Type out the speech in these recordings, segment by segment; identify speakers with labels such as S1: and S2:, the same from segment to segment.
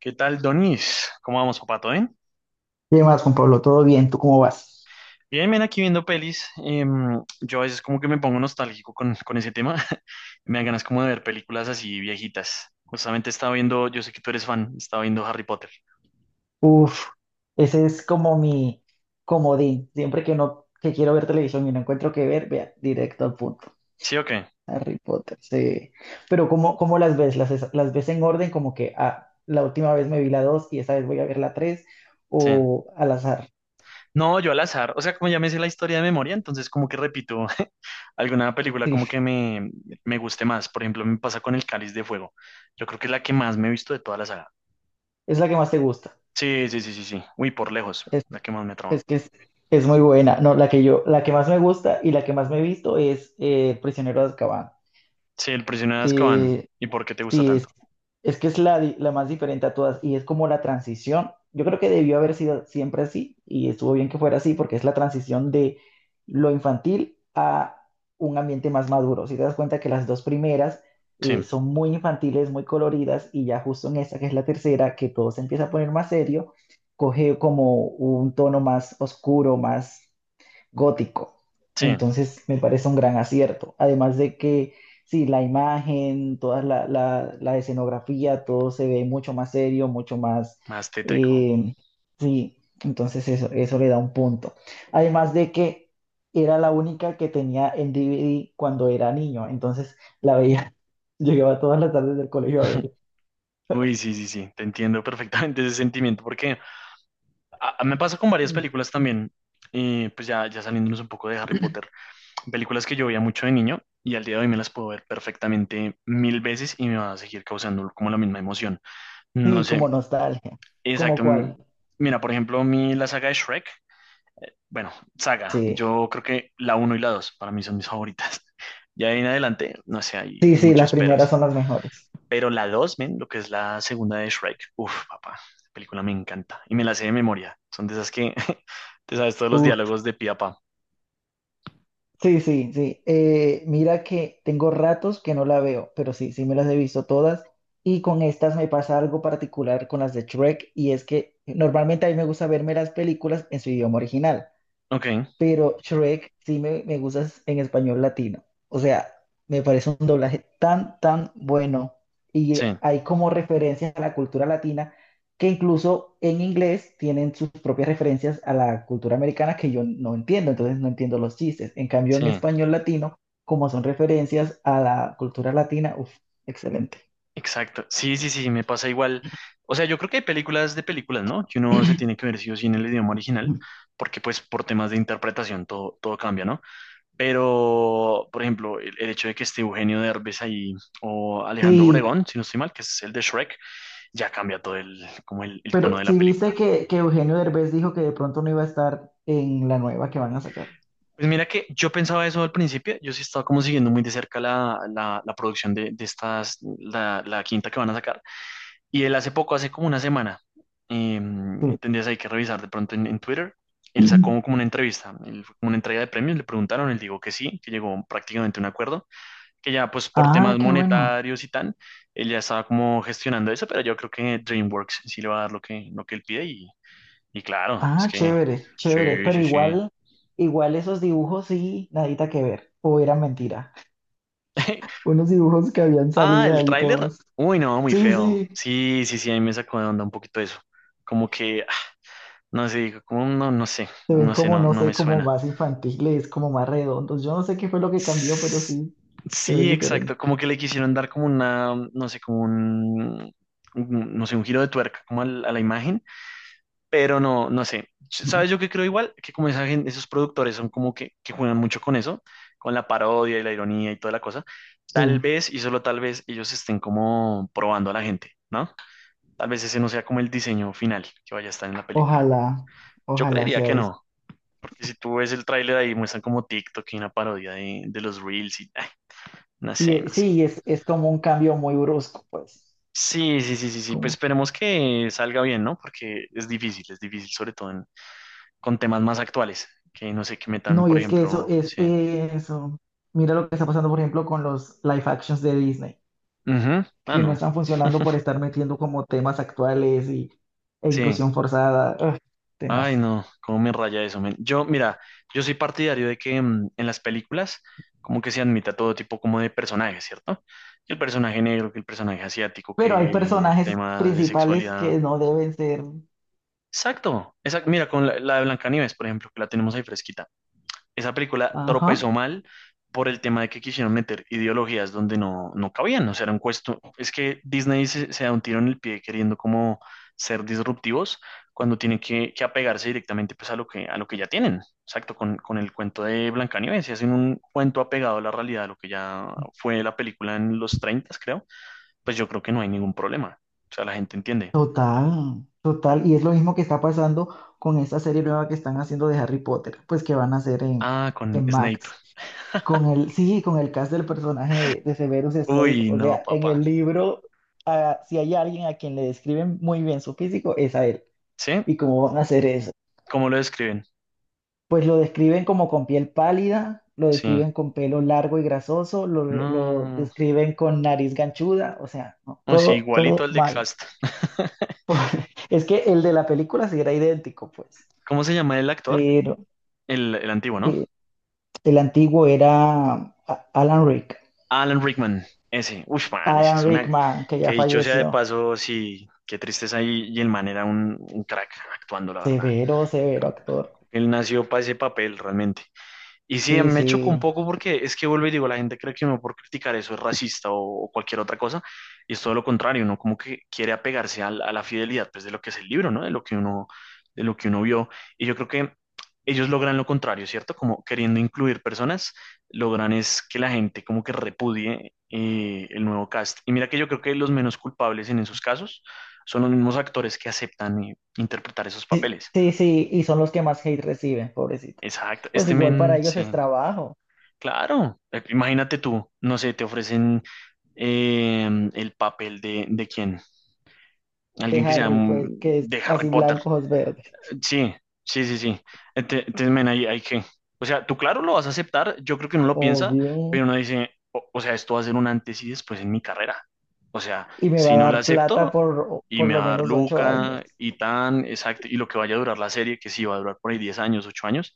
S1: ¿Qué tal, Donis? ¿Cómo vamos, papato?
S2: ¿Qué más, Juan Pablo? ¿Todo bien? ¿Tú cómo vas?
S1: Bien, ven aquí viendo pelis. Yo a veces como que me pongo nostálgico con ese tema. Me dan ganas como de ver películas así viejitas. Justamente estaba viendo, yo sé que tú eres fan, estaba viendo Harry Potter.
S2: Uf, ese es como mi comodín. Siempre que no, que quiero ver televisión y no encuentro qué ver, vea, directo al punto.
S1: ¿Sí o qué?
S2: Harry Potter, sí. Pero ¿cómo las ves? ¿Las, las ves en orden? Como que ah, la última vez me vi la 2 y esa vez voy a ver la 3
S1: Sí.
S2: o al azar.
S1: No, yo al azar. O sea, como ya me sé la historia de memoria, entonces como que repito alguna película
S2: Sí,
S1: como que me guste más. Por ejemplo, me pasa con El Cáliz de Fuego. Yo creo que es la que más me he visto de toda la saga.
S2: es la que más te gusta.
S1: Sí, sí, sí, sí, sí. Uy, por lejos,
S2: Es,
S1: la que más me trama.
S2: es que es, es muy buena. No, la que más me gusta y la que más me he visto es Prisionero de Azkaban.
S1: Sí, el prisionero de Azkaban.
S2: Eh,
S1: ¿Y por qué te gusta
S2: Sí, es,
S1: tanto?
S2: es que es la, la más diferente a todas y es como la transición. Yo creo que debió haber sido siempre así y estuvo bien que fuera así porque es la transición de lo infantil a un ambiente más maduro. Si te das cuenta que las dos primeras
S1: Sí,
S2: son muy infantiles, muy coloridas y ya justo en esta que es la tercera, que todo se empieza a poner más serio, coge como un tono más oscuro, más gótico.
S1: sí,
S2: Entonces me parece un gran acierto. Además de que, sí, la imagen, toda la escenografía, todo se ve mucho más serio, mucho más...
S1: más tétrico.
S2: eh, sí, entonces eso le da un punto. Además de que era la única que tenía el DVD cuando era niño, entonces la veía, llegaba todas las tardes del colegio a ver.
S1: Uy, sí, sí, sí, te entiendo perfectamente ese sentimiento, porque me pasa con varias películas también, y pues ya, ya saliéndonos un poco de Harry Potter, películas que yo veía mucho de niño y al día de hoy me las puedo ver perfectamente 1000 veces y me va a seguir causando como la misma emoción. No
S2: Sí, como
S1: sé,
S2: nostalgia. ¿Como
S1: exacto.
S2: cuál?
S1: Mira, por ejemplo, la saga de Shrek, bueno, saga,
S2: Sí.
S1: yo creo que la uno y la 2 para mí son mis favoritas. Ya de ahí en adelante, no sé, hay,
S2: Sí,
S1: hay
S2: sí, las
S1: muchos
S2: primeras
S1: peros.
S2: son las mejores.
S1: Pero la 2, men, lo que es la segunda de Shrek. Uf, papá, esa película me encanta. Y me la sé de memoria. Son de esas que te sabes todos los
S2: Uf.
S1: diálogos de pi a pa.
S2: Sí, sí, sí. Mira que tengo ratos que no la veo, pero sí, sí me las he visto todas. Y con estas me pasa algo particular con las de Shrek, y es que normalmente a mí me gusta verme las películas en su idioma original,
S1: Ok,
S2: pero Shrek sí me gusta en español latino. O sea, me parece un doblaje tan bueno. Y
S1: sí,
S2: hay como referencias a la cultura latina que incluso en inglés tienen sus propias referencias a la cultura americana que yo no entiendo, entonces no entiendo los chistes. En cambio, en
S1: sí,
S2: español latino, como son referencias a la cultura latina, uff, excelente.
S1: exacto. Sí, sí, sí, me pasa igual. O sea, yo creo que hay películas de películas, ¿no? Que uno se tiene que ver sí o sí en el idioma original,
S2: Ujú.
S1: porque pues por temas de interpretación todo, todo cambia, ¿no? Pero, por ejemplo, el hecho de que esté Eugenio Derbez ahí o Alejandro
S2: Sí,
S1: Obregón, si no estoy mal, que es el de Shrek, ya cambia todo el, como el
S2: pero
S1: tono de la
S2: si viste
S1: película.
S2: que Eugenio Derbez dijo que de pronto no iba a estar en la nueva que van a sacar.
S1: Pues mira que yo pensaba eso al principio, yo sí estaba como siguiendo muy de cerca la producción de, de la quinta que van a sacar. Y él hace poco, hace como una semana, eh, tendrías ahí que revisar de pronto en Twitter, él
S2: Sí.
S1: sacó como una entrevista, él fue como una entrega de premios, le preguntaron, él dijo que sí, que llegó prácticamente a un acuerdo, que ya pues por
S2: Ah,
S1: temas
S2: qué bueno.
S1: monetarios y tal, él ya estaba como gestionando eso, pero yo creo que DreamWorks sí le va a dar lo que él pide y claro, es
S2: Ah,
S1: que
S2: chévere, chévere.
S1: sí,
S2: Pero
S1: sí, sí.
S2: igual, igual esos dibujos sí, nadita que ver. O era mentira. Unos dibujos que habían
S1: Ah,
S2: salido
S1: el
S2: ahí
S1: tráiler.
S2: todos.
S1: Uy, no, muy
S2: Sí,
S1: feo.
S2: sí.
S1: Sí, sí, sí, a mí me sacó de onda un poquito eso. Como que, no sé, como no, no sé,
S2: Se ven
S1: no sé,
S2: como,
S1: no,
S2: no
S1: no
S2: sé,
S1: me
S2: como
S1: suena.
S2: más infantiles, como más redondos. Yo no sé qué fue lo que cambió, pero
S1: S-
S2: sí, se ven
S1: Sí,
S2: diferentes.
S1: exacto, como que le quisieron dar como una, no sé, no sé, un giro de tuerca como a la imagen, pero no, no sé.
S2: Ujú.
S1: ¿Sabes yo qué creo igual? Que como esos productores son como que juegan mucho con eso, con la parodia y la ironía y toda la cosa, tal
S2: Sí,
S1: vez, y solo tal vez, ellos estén como probando a la gente, ¿no? Tal vez ese no sea como el diseño final que vaya a estar en la película.
S2: ojalá,
S1: Yo
S2: ojalá
S1: creería
S2: sea
S1: que
S2: eso.
S1: no, porque si tú ves el tráiler ahí muestran como TikTok y una parodia de los Reels y ay, no
S2: Y
S1: sé, no sé.
S2: sí, es como un cambio muy brusco, pues.
S1: Sí, sí, sí, sí, sí, pues
S2: Como...
S1: esperemos que salga bien, ¿no? Porque es difícil, sobre todo con temas más actuales, que no sé, que metan,
S2: No, y
S1: por
S2: es que eso,
S1: ejemplo,
S2: es
S1: sí.
S2: eso. Mira lo que está pasando, por ejemplo, con los live actions de Disney,
S1: Ujú. Ah,
S2: que no
S1: no,
S2: están funcionando por estar metiendo como temas actuales y, e
S1: sí.
S2: inclusión forzada, ugh,
S1: Ay,
S2: temas.
S1: no, cómo me raya eso, men. Yo, mira, yo soy partidario de que en las películas como que se admita todo tipo como de personajes, ¿cierto? Que el personaje negro, que el personaje asiático,
S2: Pero hay
S1: que
S2: personajes
S1: temas de
S2: principales
S1: sexualidad.
S2: que no deben ser.
S1: Exacto, exacto. Mira, con la de Blancanieves, por ejemplo, que la tenemos ahí fresquita. Esa película tropezó
S2: Ajá,
S1: mal por el tema de que quisieron meter ideologías donde no, no cabían. O sea, era un cuesto, es que Disney se da un tiro en el pie queriendo como ser disruptivos cuando tienen que apegarse directamente pues a lo que ya tienen. Exacto, con el cuento de Blancanieves, si hacen un cuento apegado a la realidad, a lo que ya fue la película en los 30 creo, pues yo creo que no hay ningún problema, o sea, la gente entiende.
S2: total, total. Y es lo mismo que está pasando con esta serie nueva que están haciendo de Harry Potter, pues que van a hacer
S1: Ah, con
S2: en
S1: Snape.
S2: Max. Con el, sí, con el cast del personaje de Severus Snape,
S1: Uy,
S2: o
S1: no,
S2: sea, en el
S1: papá.
S2: libro, ah, si hay alguien a quien le describen muy bien su físico, es a él.
S1: ¿Sí?
S2: ¿Y cómo van a hacer eso?
S1: ¿Cómo lo describen?
S2: Pues lo describen como con piel pálida, lo
S1: Sí.
S2: describen con pelo largo y grasoso, lo, lo
S1: No.
S2: describen con nariz ganchuda, o sea, no,
S1: Oh, sí,
S2: todo, todo
S1: igualito al de
S2: mal.
S1: Cast.
S2: Es que el de la película sí era idéntico, pues,
S1: ¿Cómo se llama el actor?
S2: pero
S1: El antiguo, ¿no?
S2: eh, el antiguo era A- Alan Rick,
S1: Alan Rickman. Ese. Uf, man, ese
S2: Alan
S1: es una...
S2: Rickman, que
S1: Que
S2: ya
S1: dicho sea de
S2: falleció.
S1: paso, sí, qué tristeza. Y el man era un crack actuando, la verdad.
S2: Severo, severo actor.
S1: Él nació para ese papel, realmente. Y sí,
S2: Sí,
S1: me choca un
S2: sí,
S1: poco porque es que vuelvo y digo, la gente cree que uno por criticar eso es racista o cualquier otra cosa, y es todo lo contrario, uno como que quiere apegarse a la fidelidad pues, de lo que es el libro, ¿no? De lo que uno vio. Y yo creo que ellos logran lo contrario, ¿cierto? Como queriendo incluir personas, logran es que la gente como que repudie el nuevo cast. Y mira que yo creo que los menos culpables en esos casos son los mismos actores que aceptan interpretar esos
S2: sí,
S1: papeles.
S2: sí, sí, y son los que más hate reciben, pobrecitos.
S1: Exacto,
S2: Pues
S1: este
S2: igual para
S1: men,
S2: ellos
S1: sí.
S2: es trabajo
S1: Claro, imagínate tú, no sé, te ofrecen eh, el papel de quién,
S2: de
S1: alguien que sea
S2: Harry, pues, que es
S1: de Harry
S2: así
S1: Potter.
S2: blanco, ojos verdes.
S1: Sí, sí, sí, sí. Entonces, men, ahí qué. O sea, tú claro lo vas a aceptar, yo creo que uno lo piensa,
S2: Obvio.
S1: pero uno dice, o sea, esto va a ser un antes y después en mi carrera. O sea,
S2: Y me va
S1: si
S2: a
S1: no la
S2: dar plata
S1: acepto
S2: por
S1: y
S2: por
S1: me
S2: lo
S1: va a dar
S2: menos 8 años.
S1: Luca y tan, exacto, y lo que vaya a durar la serie, que sí va a durar por ahí 10 años, 8 años,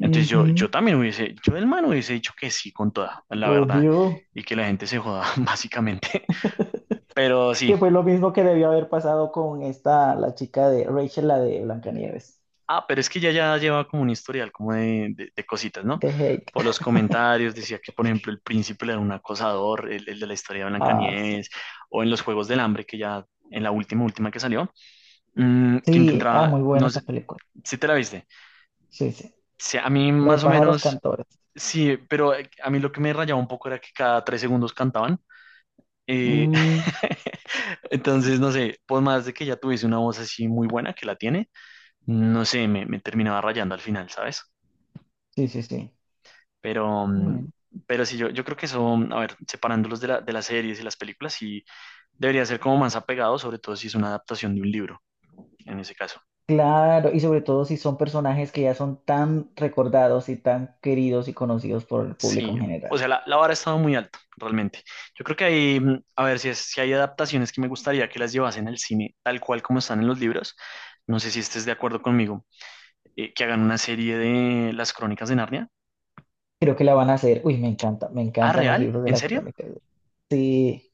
S1: entonces yo, yo también hubiese, yo del man hubiese dicho que sí con toda, la verdad,
S2: Obvio.
S1: y que la gente se joda, básicamente. Pero sí,
S2: Que fue lo mismo que debió haber pasado con esta, la chica de Rachel, la de Blancanieves.
S1: ah, pero es que ya lleva como un historial como de cositas, ¿no?
S2: De Hake.
S1: Por los comentarios decía que, por ejemplo, el príncipe era un acosador, el de la historia de
S2: Ah, sí.
S1: Blancanieves, o en los Juegos del Hambre, que ya en la última, última que salió, que
S2: Sí, ah,
S1: intentaba,
S2: muy buena
S1: no
S2: esta
S1: sé,
S2: película.
S1: si te la viste.
S2: Sí, sí.
S1: Sí, a mí
S2: La de
S1: más o
S2: pájaros
S1: menos,
S2: cantores.
S1: sí, pero a mí lo que me rayaba un poco era que cada 3 segundos cantaban. Eh,
S2: Mm,
S1: entonces, no sé, por más de que ya tuviese una voz así muy buena que la tiene, no sé, me terminaba rayando al final, ¿sabes?
S2: sí, sí, sí.
S1: Pero,
S2: Bueno,
S1: pero sí, yo creo que eso, a ver, separándolos de las series y las películas, sí debería ser como más apegado, sobre todo si es una adaptación de un libro, en ese caso.
S2: claro, y sobre todo si son personajes que ya son tan recordados y tan queridos y conocidos por el público en
S1: Sí, o
S2: general.
S1: sea, la vara ha estado muy alta, realmente. Yo creo que hay, a ver, si hay adaptaciones que me gustaría que las llevasen al cine tal cual como están en los libros, no sé si estés de acuerdo conmigo. Eh, que hagan una serie de Las Crónicas de Narnia.
S2: Creo que la van a hacer. Uy, me encanta, me
S1: Ah,
S2: encantan los
S1: ¿real?
S2: libros de
S1: ¿En
S2: la
S1: serio?
S2: crónica. Sí,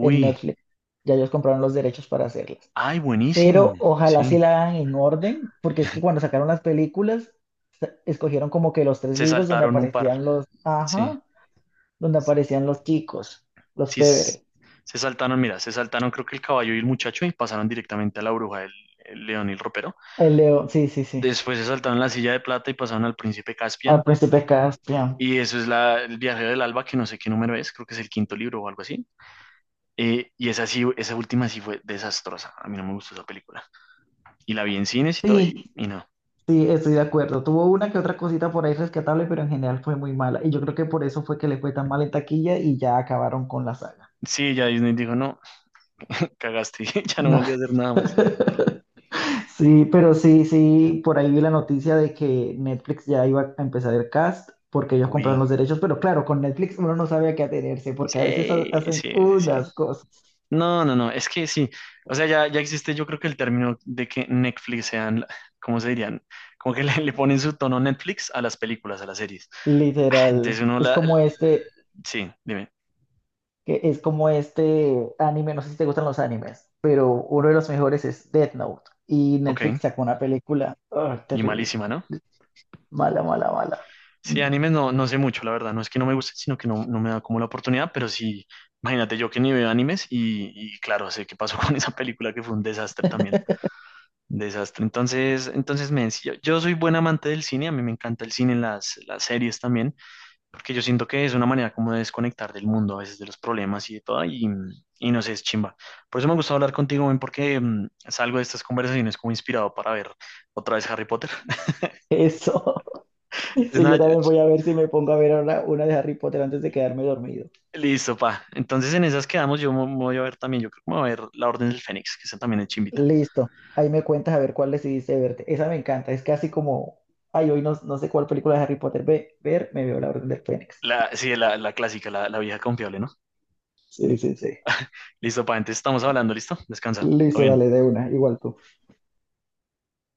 S2: en Netflix. Ya ellos compraron los derechos para hacerlas.
S1: ay, buenísimo.
S2: Pero ojalá sí
S1: Sí,
S2: la hagan en orden, porque es que cuando sacaron las películas, escogieron como que los tres
S1: se
S2: libros donde
S1: saltaron un par.
S2: aparecían los,
S1: Sí,
S2: ajá, donde aparecían los chicos, los
S1: sí,
S2: Pevere,
S1: se saltaron, mira, se saltaron creo que el caballo y el muchacho y pasaron directamente a la bruja del el león y el ropero.
S2: el león, sí, sí, sí,
S1: Después se saltaron la silla de plata y pasaron al príncipe
S2: al
S1: Caspian.
S2: príncipe Caspian.
S1: Y eso es el viajero del alba, que no sé qué número es, creo que es el quinto libro o algo así. Y esa sí, esa última sí fue desastrosa. A mí no me gustó esa película. Y la vi en cines y todo,
S2: Sí,
S1: y no.
S2: sí, estoy de acuerdo. Tuvo una que otra cosita por ahí rescatable, pero en general fue muy mala. Y yo creo que por eso fue que le fue tan mal en taquilla y ya acabaron con la saga.
S1: Sí, ya Disney dijo, no, cagaste, ya no
S2: No.
S1: volví a hacer nada más.
S2: Sí, pero sí, sí, por ahí vi la noticia de que Netflix ya iba a empezar el cast porque ellos compraron
S1: Uy,
S2: los derechos, pero claro, con Netflix uno no sabe a qué atenerse porque a veces
S1: sí,
S2: hacen
S1: sí, sí, sí.
S2: unas cosas,
S1: No, no, no, es que sí. O sea, ya existe, yo creo que el término de que Netflix sean, ¿cómo se dirían? Como que le ponen su tono Netflix a las películas, a las series. Ah,
S2: literal.
S1: entonces uno
S2: Es
S1: la...
S2: como este,
S1: Sí, dime.
S2: que es como este anime, no sé si te gustan los animes, pero uno de los mejores es Death Note y
S1: Ok,
S2: Netflix sacó una película, ah,
S1: y
S2: terrible,
S1: malísima, ¿no?
S2: mala, mala, mala.
S1: Sí,
S2: Mm.
S1: animes no, no sé mucho, la verdad. No es que no me guste, sino que no, no me da como la oportunidad, pero sí, imagínate yo que ni veo animes y claro, sé qué pasó con esa película que fue un desastre también. Desastre. Entonces, entonces me decía, yo soy buen amante del cine, a mí me encanta el cine, las series también, porque yo siento que es una manera como de desconectar del mundo, a veces de los problemas y de todo, no sé, es chimba. Por eso me gustó hablar contigo, men, porque salgo de estas conversaciones como inspirado para ver otra vez Harry Potter.
S2: Eso.
S1: Entonces,
S2: Sí,
S1: nada,
S2: yo también voy a ver si me pongo a ver ahora una de Harry Potter antes de quedarme dormido.
S1: listo, pa. Entonces, en esas quedamos, yo me voy a ver también, yo creo que me voy a ver La Orden del Fénix, que esa también es chimbita.
S2: Listo. Ahí me cuentas a ver cuál decidiste verte. Esa me encanta. Es casi como, ay, hoy no, no sé cuál película de Harry Potter ver, me veo La Orden del Fénix.
S1: Sí, la clásica, la vieja confiable, ¿no?
S2: Sí, sí, sí.
S1: Listo, pa, entonces estamos hablando, ¿listo? Descansa, todo
S2: Listo,
S1: bien.
S2: dale, de una, igual tú.